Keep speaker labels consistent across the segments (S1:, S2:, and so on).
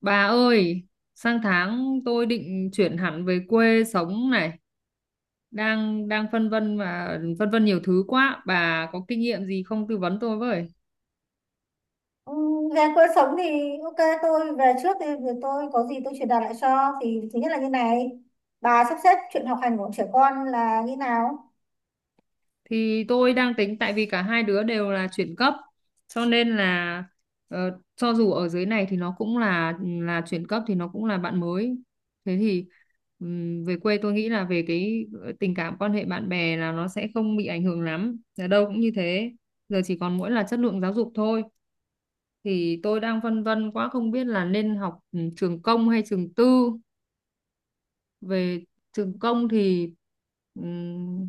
S1: Bà ơi, sang tháng tôi định chuyển hẳn về quê sống này, đang đang phân vân mà phân vân nhiều thứ quá. Bà có kinh nghiệm gì không, tư vấn tôi với?
S2: Ừ. Về cuộc sống thì ok, tôi về trước thì tôi có gì tôi truyền đạt lại cho. Thì thứ nhất là như này, bà sắp xếp chuyện học hành của trẻ con là như nào?
S1: Thì tôi đang tính, tại vì cả hai đứa đều là chuyển cấp, cho nên là cho dù ở dưới này thì nó cũng là chuyển cấp thì nó cũng là bạn mới. Thế thì về quê tôi nghĩ là về cái tình cảm, quan hệ bạn bè là nó sẽ không bị ảnh hưởng lắm. Ở đâu cũng như thế, giờ chỉ còn mỗi là chất lượng giáo dục thôi, thì tôi đang phân vân quá, không biết là nên học trường công hay trường tư. Về trường công thì ừm,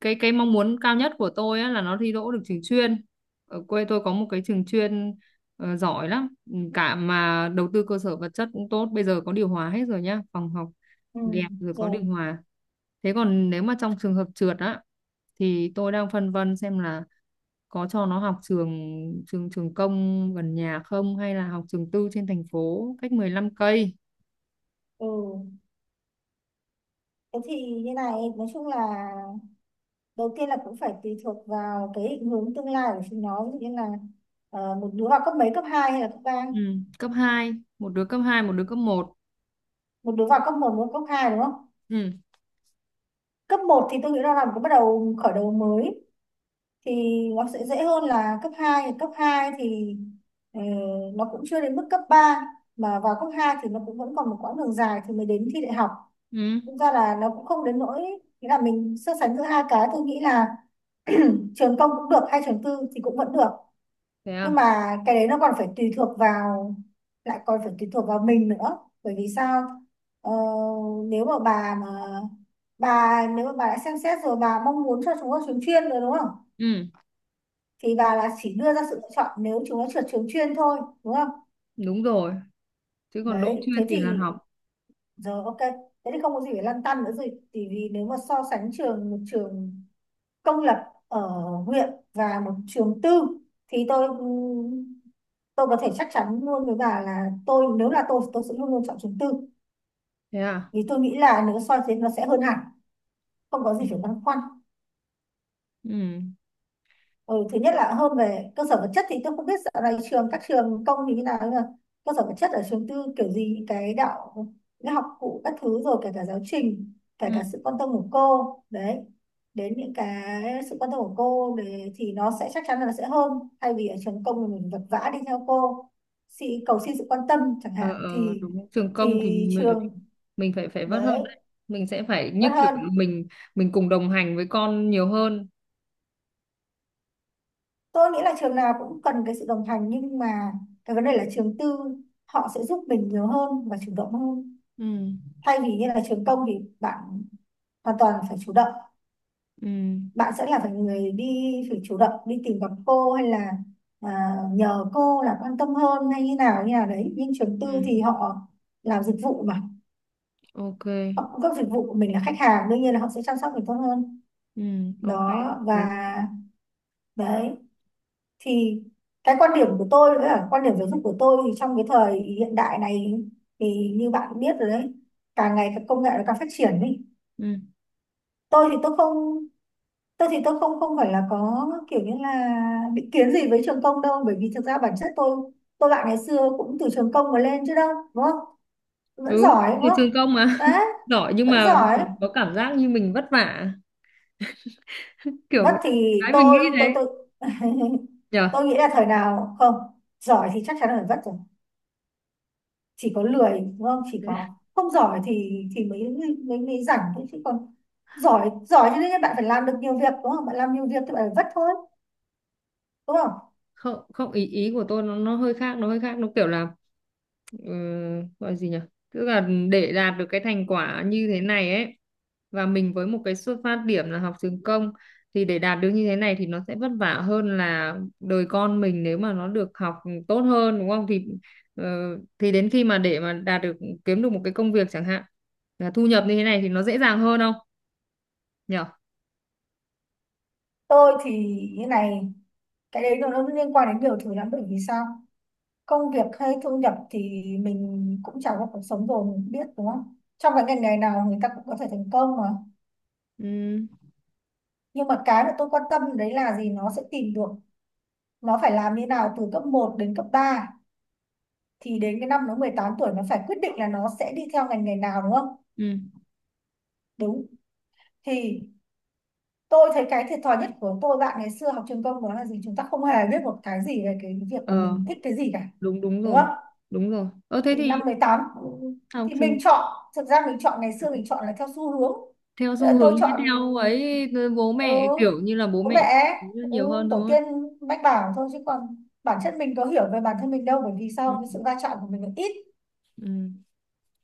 S1: cái mong muốn cao nhất của tôi á, là nó thi đỗ được trường chuyên. Ở quê tôi có một cái trường chuyên giỏi lắm. Ừ, cả mà đầu tư cơ sở vật chất cũng tốt, bây giờ có điều hòa hết rồi nhá, phòng học
S2: Ừ,
S1: đẹp rồi, có
S2: rồi.
S1: điều hòa. Thế còn nếu mà trong trường hợp trượt á, thì tôi đang phân vân xem là có cho nó học trường trường trường công gần nhà không, hay là học trường tư trên thành phố cách 15 cây.
S2: Ừ, thế thì như này, nói chung là đầu tiên là cũng phải tùy thuộc vào cái định hướng tương lai của chúng nó, ví dụ như là một đứa vào cấp mấy, cấp 2 hay là cấp 3?
S1: Ừ. Cấp hai, một đứa cấp hai, một đứa cấp một.
S2: Một đứa vào cấp 1, một đứa vào cấp hai, đúng không?
S1: Ừ.
S2: Cấp một thì tôi nghĩ nó là làm cái bắt đầu, khởi đầu mới thì nó sẽ dễ hơn là cấp hai. Cấp 2 thì ừ, nó cũng chưa đến mức cấp ba, mà vào cấp 2 thì nó cũng vẫn còn một quãng đường dài thì mới đến thi đại học.
S1: Ừ.
S2: Thực ra là nó cũng không đến nỗi, nghĩa là mình so sánh giữa hai cái, tôi nghĩ là trường công cũng được hay trường tư thì cũng vẫn được.
S1: Thế à.
S2: Nhưng mà cái đấy nó còn phải tùy thuộc vào, lại còn phải tùy thuộc vào mình nữa, bởi vì sao? ờ, Nếu mà bà nếu mà bà đã xem xét rồi, bà mong muốn cho chúng nó trường chuyên rồi đúng không,
S1: Ừ.
S2: thì bà là chỉ đưa ra sự lựa chọn nếu chúng nó trượt trường chuyên thôi, đúng không?
S1: Đúng rồi, chứ còn đỗ
S2: Đấy, thế
S1: chuyên thì là
S2: thì
S1: học.
S2: giờ ok, thế thì không có gì phải lăn tăn nữa rồi. Thì vì nếu mà so sánh trường, một trường công lập ở huyện và một trường tư, thì tôi tôi có thể chắc chắn luôn với bà là tôi, nếu là tôi sẽ luôn luôn chọn trường tư.
S1: Thế à.
S2: Vì tôi nghĩ là nếu so sánh nó sẽ hơn hẳn, không có gì
S1: Ừ.
S2: phải băn khoăn.
S1: Ừ.
S2: Ừ, thứ nhất là hơn về cơ sở vật chất. Thì tôi không biết dạo này trường các trường công thì như nào, nhưng mà cơ sở vật chất ở trường tư kiểu gì cái đạo, cái học cụ các thứ rồi kể cả giáo trình, kể
S1: Ừ.
S2: cả sự quan tâm của cô. Đấy, đến những cái sự quan tâm của cô để, thì nó sẽ chắc chắn là nó sẽ hơn. Thay vì ở trường công thì mình vật vã đi theo cô, xin, cầu xin sự quan tâm chẳng
S1: Ờ,
S2: hạn,
S1: ờ, đúng, trường công thì
S2: thì
S1: mình,
S2: trường
S1: mình phải phải vất hơn
S2: đấy
S1: đấy. Mình sẽ phải như
S2: vẫn
S1: kiểu
S2: hơn.
S1: là mình cùng đồng hành với con nhiều hơn.
S2: Tôi nghĩ là trường nào cũng cần cái sự đồng hành, nhưng mà cái vấn đề là trường tư họ sẽ giúp mình nhiều hơn và chủ động hơn.
S1: Ừ.
S2: Thay vì như là trường công thì bạn hoàn toàn phải chủ động,
S1: Ừ.
S2: bạn sẽ là phải người đi, phải chủ động đi tìm gặp cô hay là nhờ cô là quan tâm hơn hay như nào đấy. Nhưng trường
S1: Ừ.
S2: tư thì họ làm dịch vụ mà,
S1: Ok.
S2: họ cung cấp dịch vụ, mình là khách hàng, đương nhiên là họ sẽ chăm sóc mình tốt hơn.
S1: Ừ. Ok.
S2: Đó. Và
S1: Thế-
S2: đấy, thì cái quan điểm của tôi, với cả quan điểm giáo dục của tôi thì trong cái thời hiện đại này, thì như bạn cũng biết rồi đấy, càng ngày các công nghệ nó càng phát triển ấy.
S1: ừ.
S2: tôi thì tôi không tôi thì tôi không, không phải là có kiểu như là định kiến gì với trường công đâu, bởi vì thực ra bản chất tôi bạn ngày xưa cũng từ trường công mà lên chứ đâu, đúng không? Vẫn
S1: Ừ
S2: giỏi đúng
S1: thì
S2: không?
S1: trường công mà
S2: Đấy,
S1: giỏi, nhưng
S2: vẫn
S1: mà
S2: giỏi.
S1: có cảm giác như mình vất vả,
S2: Vất
S1: kiểu
S2: thì
S1: cái mình nghĩ
S2: tôi tôi
S1: đấy,
S2: tôi
S1: nhở.
S2: tôi nghĩ là thời nào không, giỏi thì chắc chắn là phải vất rồi. Chỉ có lười đúng không, chỉ có không giỏi thì mới mới mới rảnh thôi, chứ còn giỏi giỏi cho nên bạn phải làm được nhiều việc, đúng không? Bạn làm nhiều việc thì bạn phải vất thôi, đúng không?
S1: Không, không, ý ý của tôi nó hơi khác, nó hơi khác nó kiểu là ừ, gọi gì nhở, tức là để đạt được cái thành quả như thế này ấy, và mình với một cái xuất phát điểm là học trường công, thì để đạt được như thế này thì nó sẽ vất vả hơn là đời con mình nếu mà nó được học tốt hơn, đúng không? Thì ờ, thì đến khi mà để mà đạt được, kiếm được một cái công việc chẳng hạn, là thu nhập như thế này thì nó dễ dàng hơn không, nhở.
S2: Tôi thì như này, cái đấy nó liên quan đến nhiều thứ lắm. Bởi vì sao? Công việc hay thu nhập thì mình cũng trải qua cuộc sống rồi, mình cũng biết đúng không, trong cái ngành nghề nào người ta cũng có thể thành công mà.
S1: Ừ.
S2: Nhưng mà cái mà tôi quan tâm đấy là gì, nó sẽ tìm được, nó phải làm như nào từ cấp một đến cấp ba, thì đến cái năm nó 18 tuổi nó phải quyết định là nó sẽ đi theo ngành nghề nào, đúng không?
S1: Ừ.
S2: Đúng. Thì tôi thấy cái thiệt thòi nhất của tôi bạn ngày xưa học trường công đó là gì? Chúng ta không hề biết một cái gì về cái việc là mình thích cái gì cả.
S1: đúng đúng
S2: Đúng
S1: rồi,
S2: không?
S1: đúng rồi. Ờ Thế
S2: Thì năm
S1: thì
S2: 18
S1: học
S2: thì
S1: thì
S2: mình chọn, thực ra mình chọn, ngày xưa mình chọn là theo xu hướng.
S1: theo
S2: Ờ,
S1: xu
S2: tôi
S1: hướng, với
S2: chọn
S1: theo ấy, bố
S2: ừ,
S1: mẹ kiểu như là bố
S2: bố mẹ,
S1: mẹ
S2: ừ,
S1: nhiều hơn
S2: tổ
S1: thôi.
S2: tiên mách bảo thôi, chứ còn bản chất mình có hiểu về bản thân mình đâu. Bởi vì
S1: Ừ.
S2: sao? Cái sự va chạm của mình là ít,
S1: Ừ.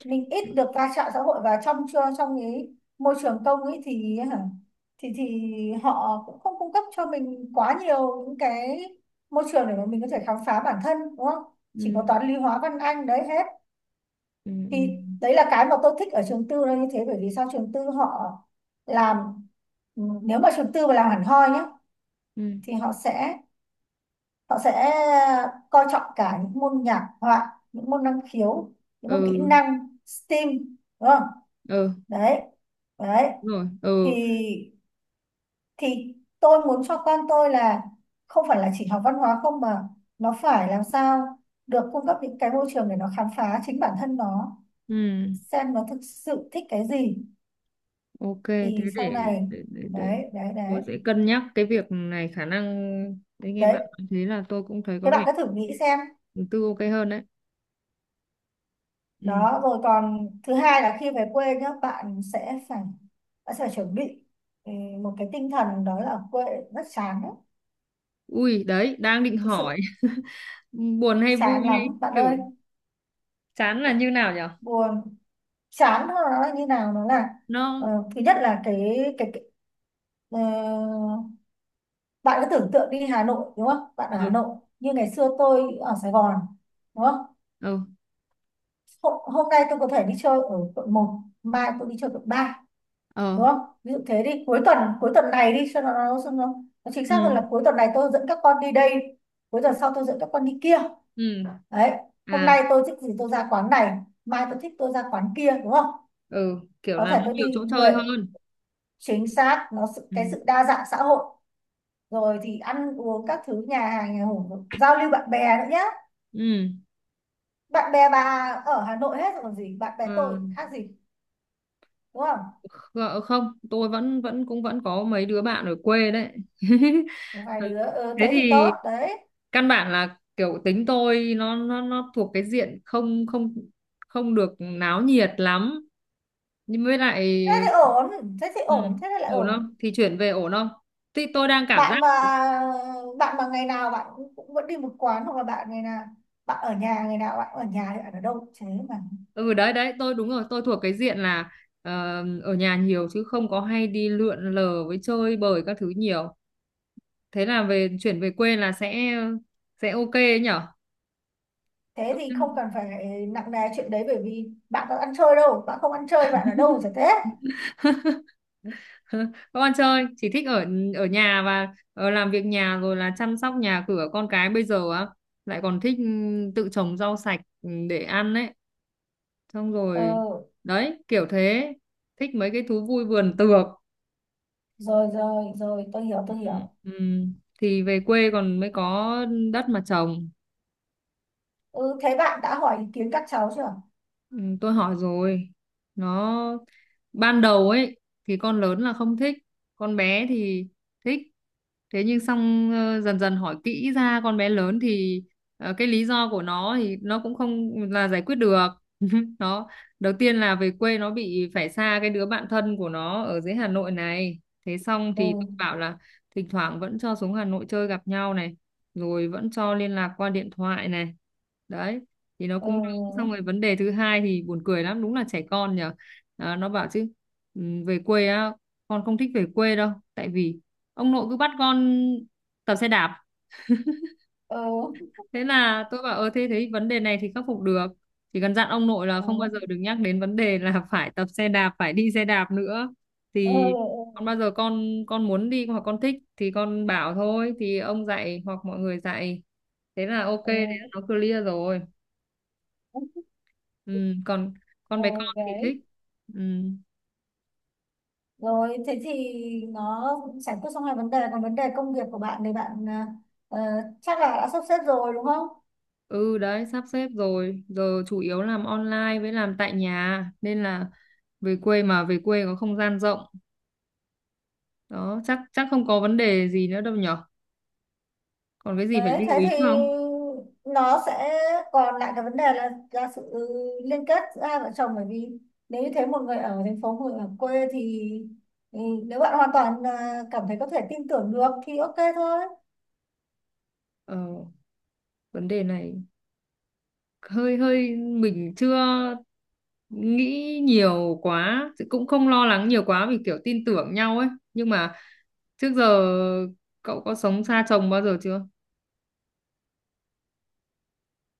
S2: mình ít được va chạm xã hội, và trong chưa trong cái môi trường công ấy thì hả, thì họ cũng không cung cấp cho mình quá nhiều những cái môi trường để mà mình có thể khám phá bản thân, đúng không? Chỉ có
S1: Ừ.
S2: toán lý hóa văn anh đấy hết.
S1: Ừ. Ừ.
S2: Thì đấy là cái mà tôi thích ở trường tư là như thế. Bởi vì sao, trường tư họ làm, nếu mà trường tư mà làm hẳn hoi nhá,
S1: Ừ.
S2: thì họ sẽ coi trọng cả những môn nhạc họa, những môn năng khiếu, những môn kỹ
S1: Ừ.
S2: năng STEAM, đúng không?
S1: Ừ,
S2: Đấy, đấy.
S1: đúng rồi.
S2: thì
S1: Ừ.
S2: thì tôi muốn cho con tôi là không phải là chỉ học văn hóa không, mà nó phải làm sao được cung cấp những cái môi trường để nó khám phá chính bản thân nó,
S1: Ừ.
S2: xem nó thực sự thích cái gì.
S1: Ok. Thế
S2: Thì sau này,
S1: để, để.
S2: đấy đấy
S1: Tôi
S2: đấy.
S1: sẽ cân nhắc cái việc này, khả năng đấy. Nghe
S2: Đấy,
S1: bạn nói thế là tôi cũng thấy
S2: thế
S1: có
S2: bạn
S1: vẻ
S2: cứ thử nghĩ xem.
S1: tư ok hơn đấy. Ừ.
S2: Đó rồi còn thứ hai là khi về quê nhá, bạn sẽ phải, bạn sẽ phải chuẩn bị ừ, một cái tinh thần đó là quê rất chán đấy.
S1: Ui, đấy đang định
S2: Thực
S1: hỏi.
S2: sự
S1: Buồn hay vui
S2: chán
S1: hay
S2: lắm bạn
S1: kiểu
S2: ơi,
S1: chán là như nào nhở?
S2: buồn. Chán nó như nào nó là ờ,
S1: Nó.
S2: thứ nhất là cái ờ, bạn cứ tưởng tượng đi, Hà Nội đúng không, bạn ở Hà
S1: Ừ.
S2: Nội như ngày xưa tôi ở Sài Gòn, đúng không?
S1: Ừ.
S2: Hôm nay tôi có thể đi chơi ở quận một, mai tôi đi chơi quận ba,
S1: Ờ.
S2: đúng không? Ví dụ thế đi. Cuối tuần, cuối tuần này đi cho nó chính
S1: Ừ.
S2: xác hơn là cuối tuần này tôi dẫn các con đi đây, cuối tuần sau tôi dẫn các con đi kia.
S1: Ừ.
S2: Đấy, hôm
S1: À.
S2: nay tôi thích gì tôi ra quán này, mai tôi thích tôi ra quán kia, đúng không?
S1: Ừ, kiểu
S2: Có
S1: là
S2: thể
S1: nó
S2: tôi
S1: nhiều
S2: đi
S1: chỗ
S2: người
S1: chơi hơn.
S2: Chính xác nó sự,
S1: Ừ.
S2: cái sự đa dạng xã hội. Rồi thì ăn uống các thứ, nhà hàng nhà hổ, giao lưu bạn bè nữa nhá.
S1: Ừ.
S2: Bạn bè bà ở Hà Nội hết rồi còn gì, bạn bè
S1: Ờ,
S2: tôi khác gì, đúng không?
S1: không, tôi vẫn vẫn cũng vẫn có mấy đứa bạn ở quê đấy.
S2: Một vài đứa, ừ,
S1: Thế
S2: thế thì tốt
S1: thì
S2: đấy.
S1: căn bản là kiểu tính tôi nó thuộc cái diện không không không được náo nhiệt lắm. Nhưng với lại
S2: Thế thì ổn, thế thì
S1: ừ,
S2: ổn thế thì lại
S1: ổn
S2: ổn.
S1: không thì chuyển về, ổn không thì tôi đang cảm giác.
S2: bạn mà Bạn mà ngày nào bạn cũng, cũng vẫn đi một quán, hoặc là bạn ngày nào, bạn ở nhà ngày nào bạn cũng ở nhà thì bạn ở đâu thế mà.
S1: Ừ, đấy đấy, tôi đúng rồi, tôi thuộc cái diện là ờ, ở nhà nhiều, chứ không có hay đi lượn lờ với chơi bời các thứ nhiều. Thế là về, chuyển về quê là sẽ ok ấy nhở.
S2: Thế thì không cần phải nặng nề chuyện đấy, bởi vì bạn có ăn chơi đâu, bạn không ăn chơi bạn ở đâu chả thế.
S1: Các con chơi chỉ thích ở ở nhà, và làm việc nhà, rồi là chăm sóc nhà cửa con cái. Bây giờ á, lại còn thích tự trồng rau sạch để ăn ấy. Xong rồi,
S2: Ừ,
S1: đấy, kiểu thế, thích mấy cái thú vui vườn tược.
S2: rồi rồi rồi, tôi hiểu tôi
S1: Ừ.
S2: hiểu.
S1: Ừ. Thì về quê còn mới có đất mà trồng.
S2: Ừ, thế bạn đã hỏi ý kiến các cháu chưa?
S1: Ừ, tôi hỏi rồi. Nó ban đầu ấy thì con lớn là không thích, con bé thì thích. Thế nhưng xong dần dần hỏi kỹ ra, con bé lớn thì cái lý do của nó thì nó cũng không là giải quyết được. Nó đầu tiên là về quê nó bị phải xa cái đứa bạn thân của nó ở dưới Hà Nội này. Thế xong thì tôi
S2: Ừ.
S1: bảo là thỉnh thoảng vẫn cho xuống Hà Nội chơi gặp nhau này, rồi vẫn cho liên lạc qua điện thoại này, đấy. Thì nó cũng. Xong
S2: Ừ.
S1: rồi vấn đề thứ hai thì buồn cười lắm, đúng là trẻ con nhờ. Đó, nó bảo chứ: "Ừ, về quê á, con không thích về quê đâu, tại vì ông nội cứ bắt con tập xe đạp."
S2: Ừ.
S1: Thế là tôi bảo: thế thế, vấn đề này thì khắc phục được, chỉ cần dặn ông nội là
S2: Ừ.
S1: không bao giờ được nhắc đến vấn đề là phải tập xe đạp, phải đi xe đạp nữa.
S2: Ừ.
S1: Thì còn bao giờ con muốn đi hoặc con thích thì con bảo, thôi thì ông dạy hoặc mọi người dạy." Thế là ok, thế
S2: Ừ.
S1: là nó clear rồi.
S2: Ừ.
S1: Ừ, còn con
S2: Ừ,
S1: bé con thì thích.
S2: đấy,
S1: Ừ.
S2: rồi thế thì nó cũng giải quyết xong hai vấn đề, còn vấn đề công việc của bạn thì bạn ờ, ờ, chắc là đã sắp xếp rồi đúng không.
S1: Ừ, đấy, sắp xếp rồi, giờ chủ yếu làm online với làm tại nhà nên là về quê, mà về quê có không gian rộng đó, chắc chắc không có vấn đề gì nữa đâu nhở. Còn cái gì phải
S2: Đấy,
S1: lưu
S2: thế
S1: ý
S2: thì
S1: không?
S2: nó sẽ còn lại cái vấn đề là sự liên kết giữa hai vợ chồng. Bởi vì nếu như thế một người ở thành phố, một người ở quê thì ừ, nếu bạn hoàn toàn cảm thấy có thể tin tưởng được thì ok thôi.
S1: ờ, Vấn đề này hơi hơi, mình chưa nghĩ nhiều quá, cũng không lo lắng nhiều quá, vì kiểu tin tưởng nhau ấy. Nhưng mà trước giờ cậu có sống xa chồng bao giờ chưa?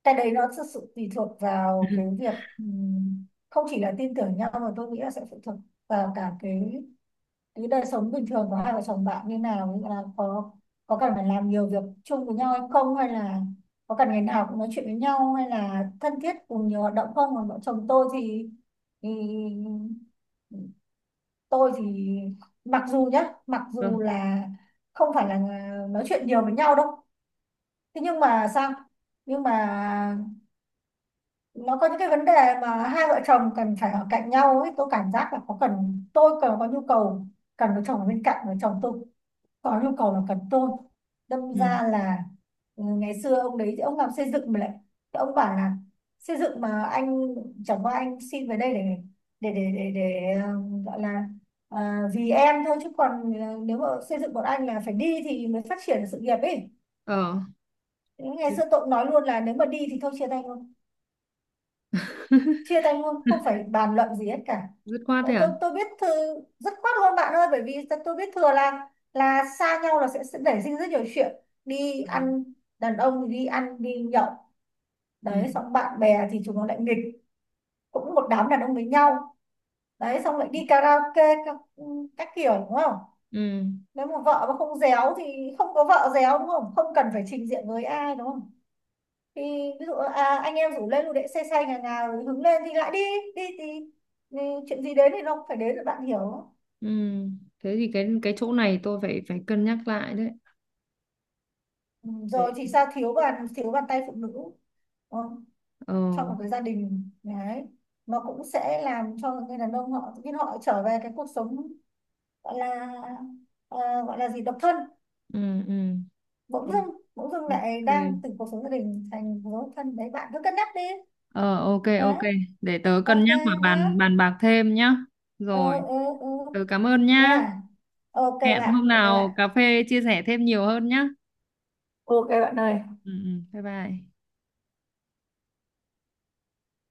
S2: Cái đấy nó thực sự tùy thuộc vào cái việc không chỉ là tin tưởng nhau, mà tôi nghĩ là sẽ phụ thuộc vào cả cái đời sống bình thường của hai vợ chồng bạn như nào, như là có cần phải làm nhiều việc chung với nhau hay không, hay là có cần ngày nào cũng nói chuyện với nhau, hay là thân thiết cùng nhiều hoạt động không. Còn vợ chồng tôi thì tôi thì mặc dù nhá, mặc
S1: Ừ.
S2: dù là không phải là nói chuyện nhiều với nhau đâu, thế nhưng mà sao, nhưng mà nó có những cái vấn đề mà hai vợ chồng cần phải ở cạnh nhau ấy. Tôi cảm giác là có cần, tôi cần có nhu cầu cần có chồng ở bên cạnh, với chồng tôi có nhu cầu là cần tôn, đâm
S1: Ừ.
S2: ra là, ừ, ngày xưa ông đấy ông làm xây dựng mà lại. Ông bảo là xây dựng mà anh, chẳng qua anh xin về đây để để gọi là ờ, vì em thôi, chứ còn nếu mà xây dựng bọn anh là phải đi thì mới phát triển được sự nghiệp ấy.
S1: Ờ. Ừ.
S2: Ngày xưa tôi nói luôn là nếu mà đi thì thôi chia tay luôn, chia tay luôn không phải bàn luận gì hết cả.
S1: Dứt khoát
S2: Vậy
S1: thế à?
S2: tôi biết thư, rất khoát luôn bạn ơi, bởi vì tôi biết thừa là xa nhau là sẽ nảy sinh rất nhiều chuyện. Đi
S1: Ờ.
S2: ăn, đàn ông thì đi ăn đi nhậu,
S1: Ừ.
S2: đấy, xong bạn bè thì chúng nó lại nghịch, cũng một đám đàn ông với nhau. Đấy, xong lại đi karaoke các kiểu đúng không.
S1: Ừ.
S2: Nếu mà vợ mà không réo thì không có vợ réo đúng không, không cần phải trình diện với ai đúng không. Thì ví dụ anh em rủ lên dù để xe xe nhà nhà, rồi hứng lên thì lại đi. Đi thì chuyện gì đến thì nó cũng phải đến rồi, bạn hiểu.
S1: Ừ, thế thì cái chỗ này tôi phải phải cân nhắc lại đấy.
S2: Ừ, rồi
S1: Để.
S2: thì sao, thiếu bàn, thiếu bàn tay phụ nữ. Ờ,
S1: Ờ.
S2: trong một cái gia đình đấy, nó cũng sẽ làm cho người đàn ông họ tự nhiên họ trở về cái cuộc sống gọi là, ờ, gọi là gì, độc thân.
S1: Ừ. Ừ. Ô-
S2: Bỗng dưng
S1: ok.
S2: lại đang từ cuộc sống gia đình thành cuộc sống độc thân. Đấy, bạn cứ cân nhắc đi.
S1: Ờ, ok,
S2: Đấy,
S1: ok, để tớ cân
S2: ok
S1: nhắc và
S2: nhá.
S1: bàn bàn bạc thêm nhá.
S2: Ừ.
S1: Rồi.
S2: Ừ. Ừ.
S1: Tớ cảm ơn nhá.
S2: Nha. Ok
S1: Hẹn
S2: bạn,
S1: hôm
S2: ok bạn.
S1: nào cà phê chia sẻ thêm nhiều hơn nhá.
S2: Ok bạn ơi,
S1: Ừ. Ừ. Bye bye.